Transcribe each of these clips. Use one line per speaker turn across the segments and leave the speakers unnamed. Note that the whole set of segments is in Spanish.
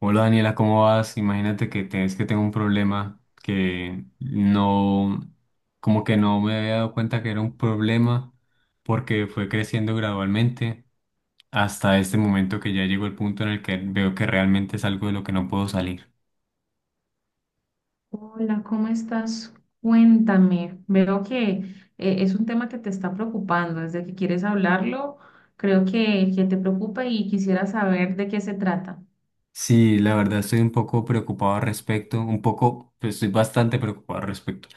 Hola Daniela, ¿cómo vas? Imagínate que es que tengo un problema que como que no me había dado cuenta que era un problema porque fue creciendo gradualmente hasta este momento que ya llegó el punto en el que veo que realmente es algo de lo que no puedo salir.
Hola, ¿cómo estás? Cuéntame. Veo que es un tema que te está preocupando. Desde que quieres hablarlo, creo que te preocupa y quisiera saber de qué se trata.
Sí, la verdad estoy un poco preocupado al respecto, un poco, pues estoy bastante preocupado al respecto.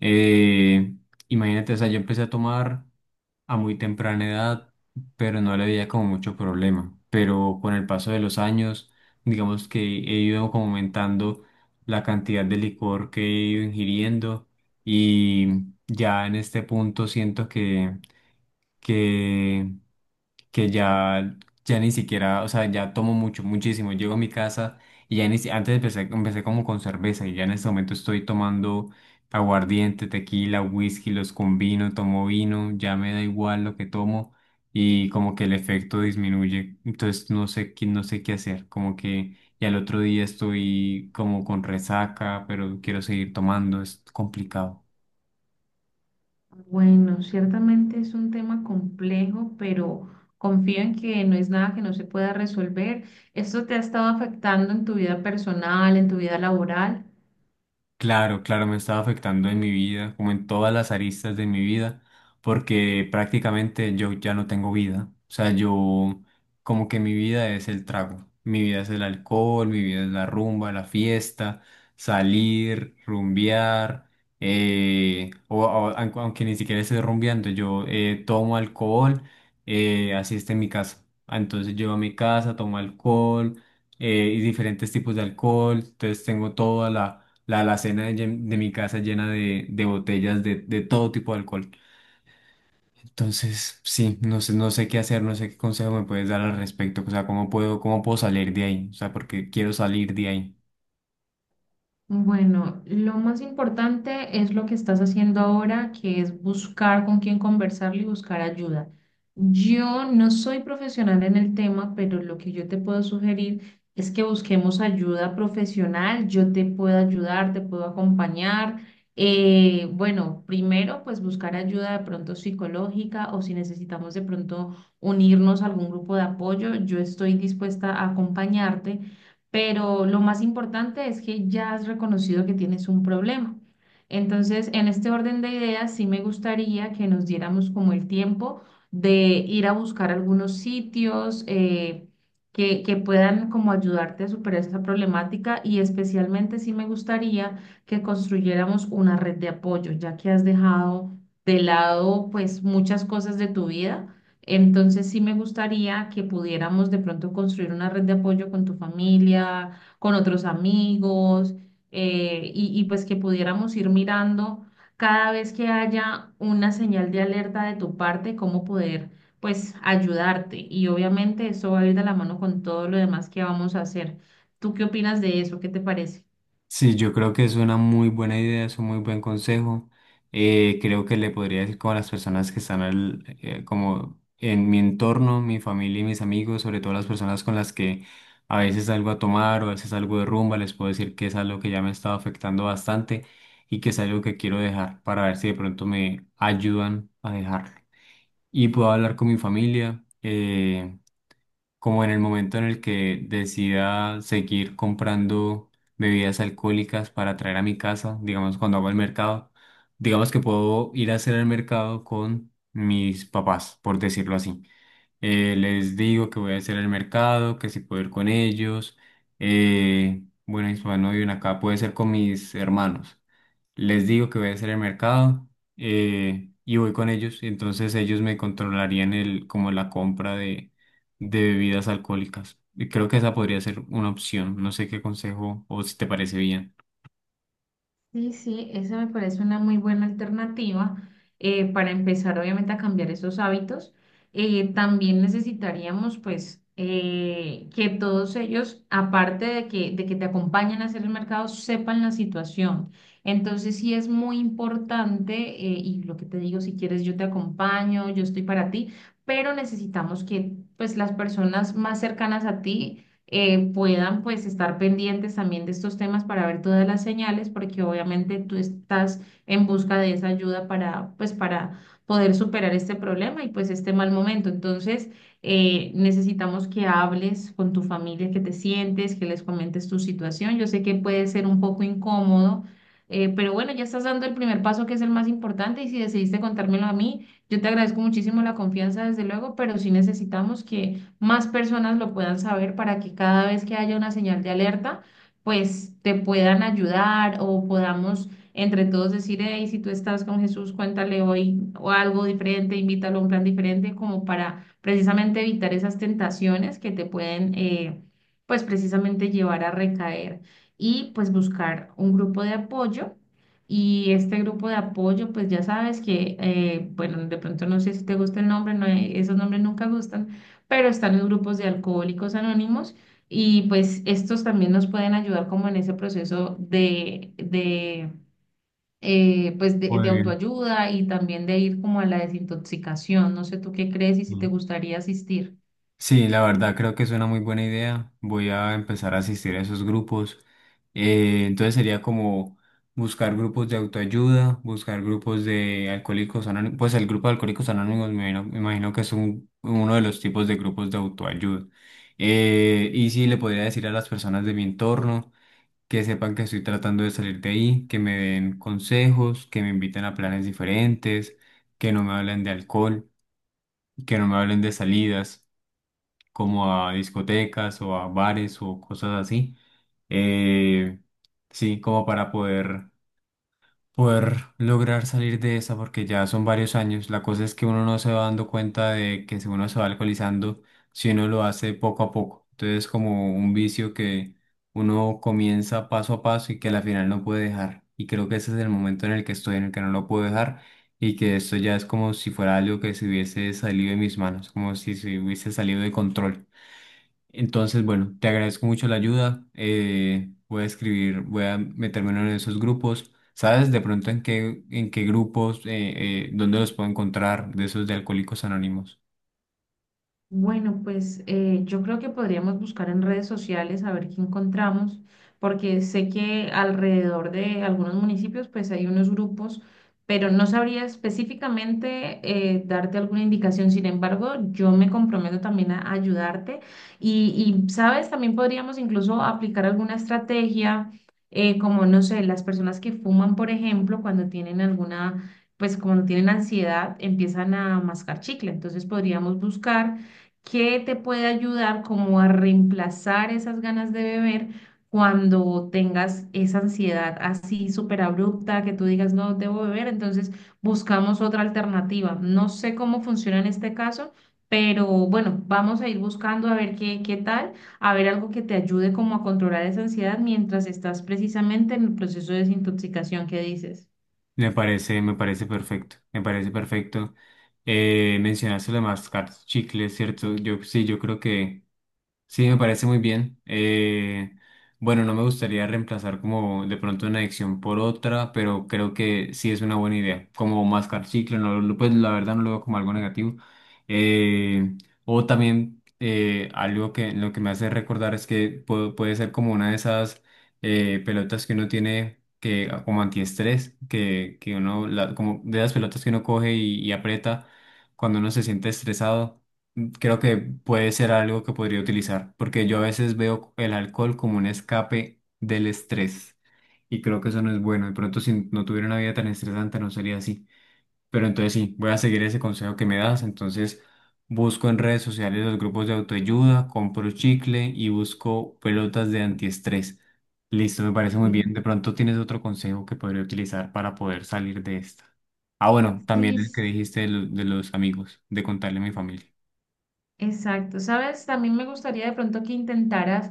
Eh, imagínate, o sea, yo empecé a tomar a muy temprana edad, pero no le veía como mucho problema. Pero con el paso de los años, digamos que he ido como aumentando la cantidad de licor que he ido ingiriendo y ya en este punto siento que que ya, ya ni siquiera, o sea, ya tomo mucho, muchísimo. Llego a mi casa y ya ni si- antes empecé como con cerveza y ya en este momento estoy tomando aguardiente, tequila, whisky, los combino, tomo vino, ya me da igual lo que tomo y como que el efecto disminuye. Entonces no sé, no sé qué hacer, como que y al otro día estoy como con resaca, pero quiero seguir tomando, es complicado.
Bueno, ciertamente es un tema complejo, pero confío en que no es nada que no se pueda resolver. ¿Esto te ha estado afectando en tu vida personal, en tu vida laboral?
Claro, claro, me estaba afectando en mi vida, como en todas las aristas de mi vida, porque prácticamente yo ya no tengo vida. O sea, yo como que mi vida es el trago, mi vida es el alcohol, mi vida es la rumba, la fiesta, salir, rumbear, aunque ni siquiera esté rumbeando, yo tomo alcohol, así está en mi casa. Entonces llego a mi casa, tomo alcohol, y diferentes tipos de alcohol, entonces tengo toda la alacena de mi casa llena de botellas de todo tipo de alcohol. Entonces, sí, no sé, no sé qué hacer, no sé qué consejo me puedes dar al respecto. O sea, cómo puedo salir de ahí? O sea, porque quiero salir de ahí.
Bueno, lo más importante es lo que estás haciendo ahora, que es buscar con quién conversar y buscar ayuda. Yo no soy profesional en el tema, pero lo que yo te puedo sugerir es que busquemos ayuda profesional. Yo te puedo ayudar, te puedo acompañar. Bueno, primero, pues buscar ayuda de pronto psicológica o si necesitamos de pronto unirnos a algún grupo de apoyo, yo estoy dispuesta a acompañarte, pero lo más importante es que ya has reconocido que tienes un problema. Entonces, en este orden de ideas, sí me gustaría que nos diéramos como el tiempo de ir a buscar algunos sitios que puedan como ayudarte a superar esta problemática, y especialmente sí me gustaría que construyéramos una red de apoyo, ya que has dejado de lado pues muchas cosas de tu vida. Entonces sí me gustaría que pudiéramos de pronto construir una red de apoyo con tu familia, con otros amigos, y pues que pudiéramos ir mirando cada vez que haya una señal de alerta de tu parte, cómo poder pues ayudarte. Y obviamente eso va a ir de la mano con todo lo demás que vamos a hacer. ¿Tú qué opinas de eso? ¿Qué te parece?
Sí, yo creo que es una muy buena idea, es un muy buen consejo. Creo que le podría decir como a las personas que están como en mi entorno, mi familia y mis amigos, sobre todo las personas con las que a veces salgo a tomar o a veces salgo de rumba, les puedo decir que es algo que ya me está afectando bastante y que es algo que quiero dejar para ver si de pronto me ayudan a dejarlo. Y puedo hablar con mi familia. Como en el momento en el que decida seguir comprando bebidas alcohólicas para traer a mi casa, digamos cuando hago el mercado, digamos que puedo ir a hacer el mercado con mis papás, por decirlo así. Les digo que voy a hacer el mercado, que si puedo ir con ellos. Eh, bueno, y si no viven acá, puede ser con mis hermanos, les digo que voy a hacer el mercado y voy con ellos. Y entonces ellos me controlarían el, como la compra de bebidas alcohólicas. Y creo que esa podría ser una opción. No sé qué consejo o si te parece bien.
Sí, sí, esa me parece una muy buena alternativa para empezar obviamente a cambiar esos hábitos. También necesitaríamos pues que todos ellos, aparte de que te acompañen a hacer el mercado, sepan la situación. Entonces sí es muy importante, y lo que te digo, si quieres yo te acompaño, yo estoy para ti, pero necesitamos que pues las personas más cercanas a ti puedan pues estar pendientes también de estos temas para ver todas las señales, porque obviamente tú estás en busca de esa ayuda para pues para poder superar este problema y pues este mal momento. Entonces, necesitamos que hables con tu familia, que te sientes, que les comentes tu situación. Yo sé que puede ser un poco incómodo. Pero bueno, ya estás dando el primer paso que es el más importante, y si decidiste contármelo a mí, yo te agradezco muchísimo la confianza, desde luego, pero sí necesitamos que más personas lo puedan saber para que cada vez que haya una señal de alerta, pues te puedan ayudar o podamos entre todos decir, hey, si tú estás con Jesús, cuéntale hoy o algo diferente, invítalo a un plan diferente, como para precisamente evitar esas tentaciones que te pueden, pues precisamente llevar a recaer, y pues buscar un grupo de apoyo. Y este grupo de apoyo, pues ya sabes que, bueno, de pronto no sé si te gusta el nombre, no, esos nombres nunca gustan, pero están los grupos de alcohólicos anónimos y pues estos también nos pueden ayudar como en ese proceso de pues de
Pues,
autoayuda y también de ir como a la desintoxicación. No sé tú qué crees y si te gustaría asistir.
sí, la verdad creo que es una muy buena idea. Voy a empezar a asistir a esos grupos. Entonces sería como buscar grupos de autoayuda, buscar grupos de alcohólicos anónimos. Pues el grupo de alcohólicos anónimos me imagino que es uno de los tipos de grupos de autoayuda. Y sí, le podría decir a las personas de mi entorno que sepan que estoy tratando de salir de ahí, que me den consejos, que me inviten a planes diferentes, que no me hablen de alcohol, que no me hablen de salidas como a discotecas o a bares o cosas así. Eh, sí, como para poder, poder lograr salir de esa, porque ya son varios años. La cosa es que uno no se va dando cuenta de que si uno se va alcoholizando, si uno lo hace poco a poco. Entonces, como un vicio que uno comienza paso a paso y que al final no puede dejar. Y creo que ese es el momento en el que estoy, en el que no lo puedo dejar. Y que esto ya es como si fuera algo que se hubiese salido de mis manos, como si se hubiese salido de control. Entonces, bueno, te agradezco mucho la ayuda. Voy a escribir, voy a meterme en uno de esos grupos. ¿Sabes de pronto en qué grupos, dónde los puedo encontrar de esos de Alcohólicos Anónimos?
Bueno, pues yo creo que podríamos buscar en redes sociales a ver qué encontramos, porque sé que alrededor de algunos municipios pues hay unos grupos, pero no sabría específicamente darte alguna indicación. Sin embargo, yo me comprometo también a ayudarte y, sabes, también podríamos incluso aplicar alguna estrategia, como no sé, las personas que fuman, por ejemplo, cuando tienen alguna, pues cuando tienen ansiedad, empiezan a mascar chicle. Entonces podríamos buscar ¿qué te puede ayudar como a reemplazar esas ganas de beber cuando tengas esa ansiedad así súper abrupta que tú digas no debo beber? Entonces buscamos otra alternativa. No sé cómo funciona en este caso, pero bueno, vamos a ir buscando a ver qué tal, a ver algo que te ayude como a controlar esa ansiedad mientras estás precisamente en el proceso de desintoxicación que dices.
Me parece perfecto, me parece perfecto. Mencionaste lo de mascar chicles, ¿cierto? Yo sí, yo creo que sí, me parece muy bien. Bueno, no me gustaría reemplazar como de pronto una adicción por otra, pero creo que sí es una buena idea. Como mascar chicle, no, pues la verdad no lo veo como algo negativo. Eh, o también algo que lo que me hace recordar es que puede ser como una de esas pelotas que uno tiene que ah, como antiestrés, que uno, como de las pelotas que uno coge y aprieta cuando uno se siente estresado, creo que puede ser algo que podría utilizar, porque yo a veces veo el alcohol como un escape del estrés y creo que eso no es bueno. De pronto, si no tuviera una vida tan estresante, no sería así. Pero entonces sí, voy a seguir ese consejo que me das. Entonces busco en redes sociales los grupos de autoayuda, compro chicle y busco pelotas de antiestrés. Listo, me parece muy
Sí.
bien. De pronto tienes otro consejo que podría utilizar para poder salir de esta. Ah, bueno, también el que
Sí,
dijiste de de los amigos, de contarle a mi familia.
exacto, sabes, también me gustaría de pronto que intentaras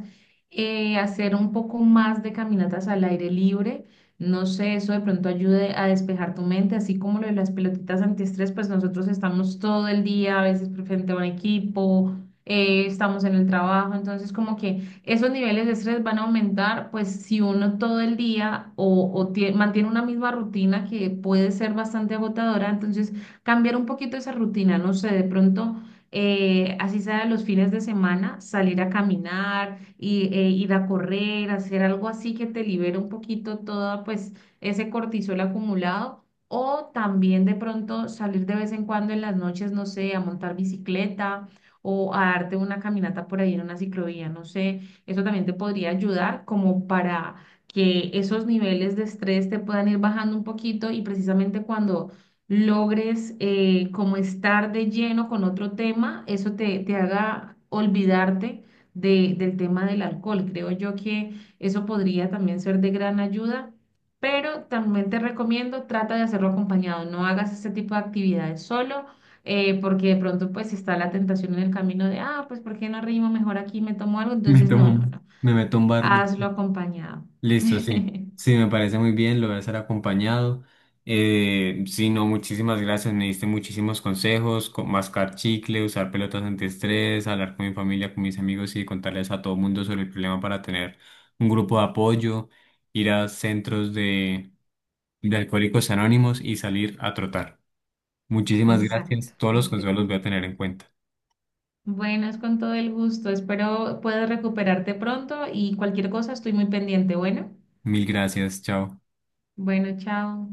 hacer un poco más de caminatas al aire libre. No sé, eso de pronto ayude a despejar tu mente, así como lo de las pelotitas antiestrés, pues nosotros estamos todo el día, a veces frente a un equipo, estamos en el trabajo, entonces como que esos niveles de estrés van a aumentar, pues si uno todo el día o tie- mantiene una misma rutina que puede ser bastante agotadora, entonces cambiar un poquito esa rutina, no sé, de pronto así sea los fines de semana, salir a caminar, y, ir a correr, hacer algo así que te libere un poquito todo pues ese cortisol acumulado. O también de pronto salir de vez en cuando en las noches, no sé, a montar bicicleta o a darte una caminata por ahí en una ciclovía, no sé, eso también te podría ayudar como para que esos niveles de estrés te puedan ir bajando un poquito y precisamente cuando logres como estar de lleno con otro tema, eso te, te haga olvidarte de- del tema del alcohol. Creo yo que eso podría también ser de gran ayuda, pero también te recomiendo, trata de hacerlo acompañado, no hagas este tipo de actividades solo. Porque de pronto pues está la tentación en el camino de, ah, pues ¿por qué no rimo mejor aquí, me tomo algo?
Me
Entonces, no,
tomo,
no, no,
me meto un bar.
hazlo acompañado.
Listo, sí. Sí, me parece muy bien, lo voy a hacer acompañado. Sí, no, muchísimas gracias. Me diste muchísimos consejos, mascar chicle, usar pelotas antiestrés, hablar con mi familia, con mis amigos y contarles a todo el mundo sobre el problema para tener un grupo de apoyo, ir a centros de alcohólicos anónimos y salir a trotar. Muchísimas
Exacto,
gracias. Todos los consejos los
perfecto.
voy a tener en cuenta.
Bueno, es con todo el gusto. Espero puedas recuperarte pronto y cualquier cosa estoy muy pendiente. Bueno,
Mil gracias, chao.
bueno, chao.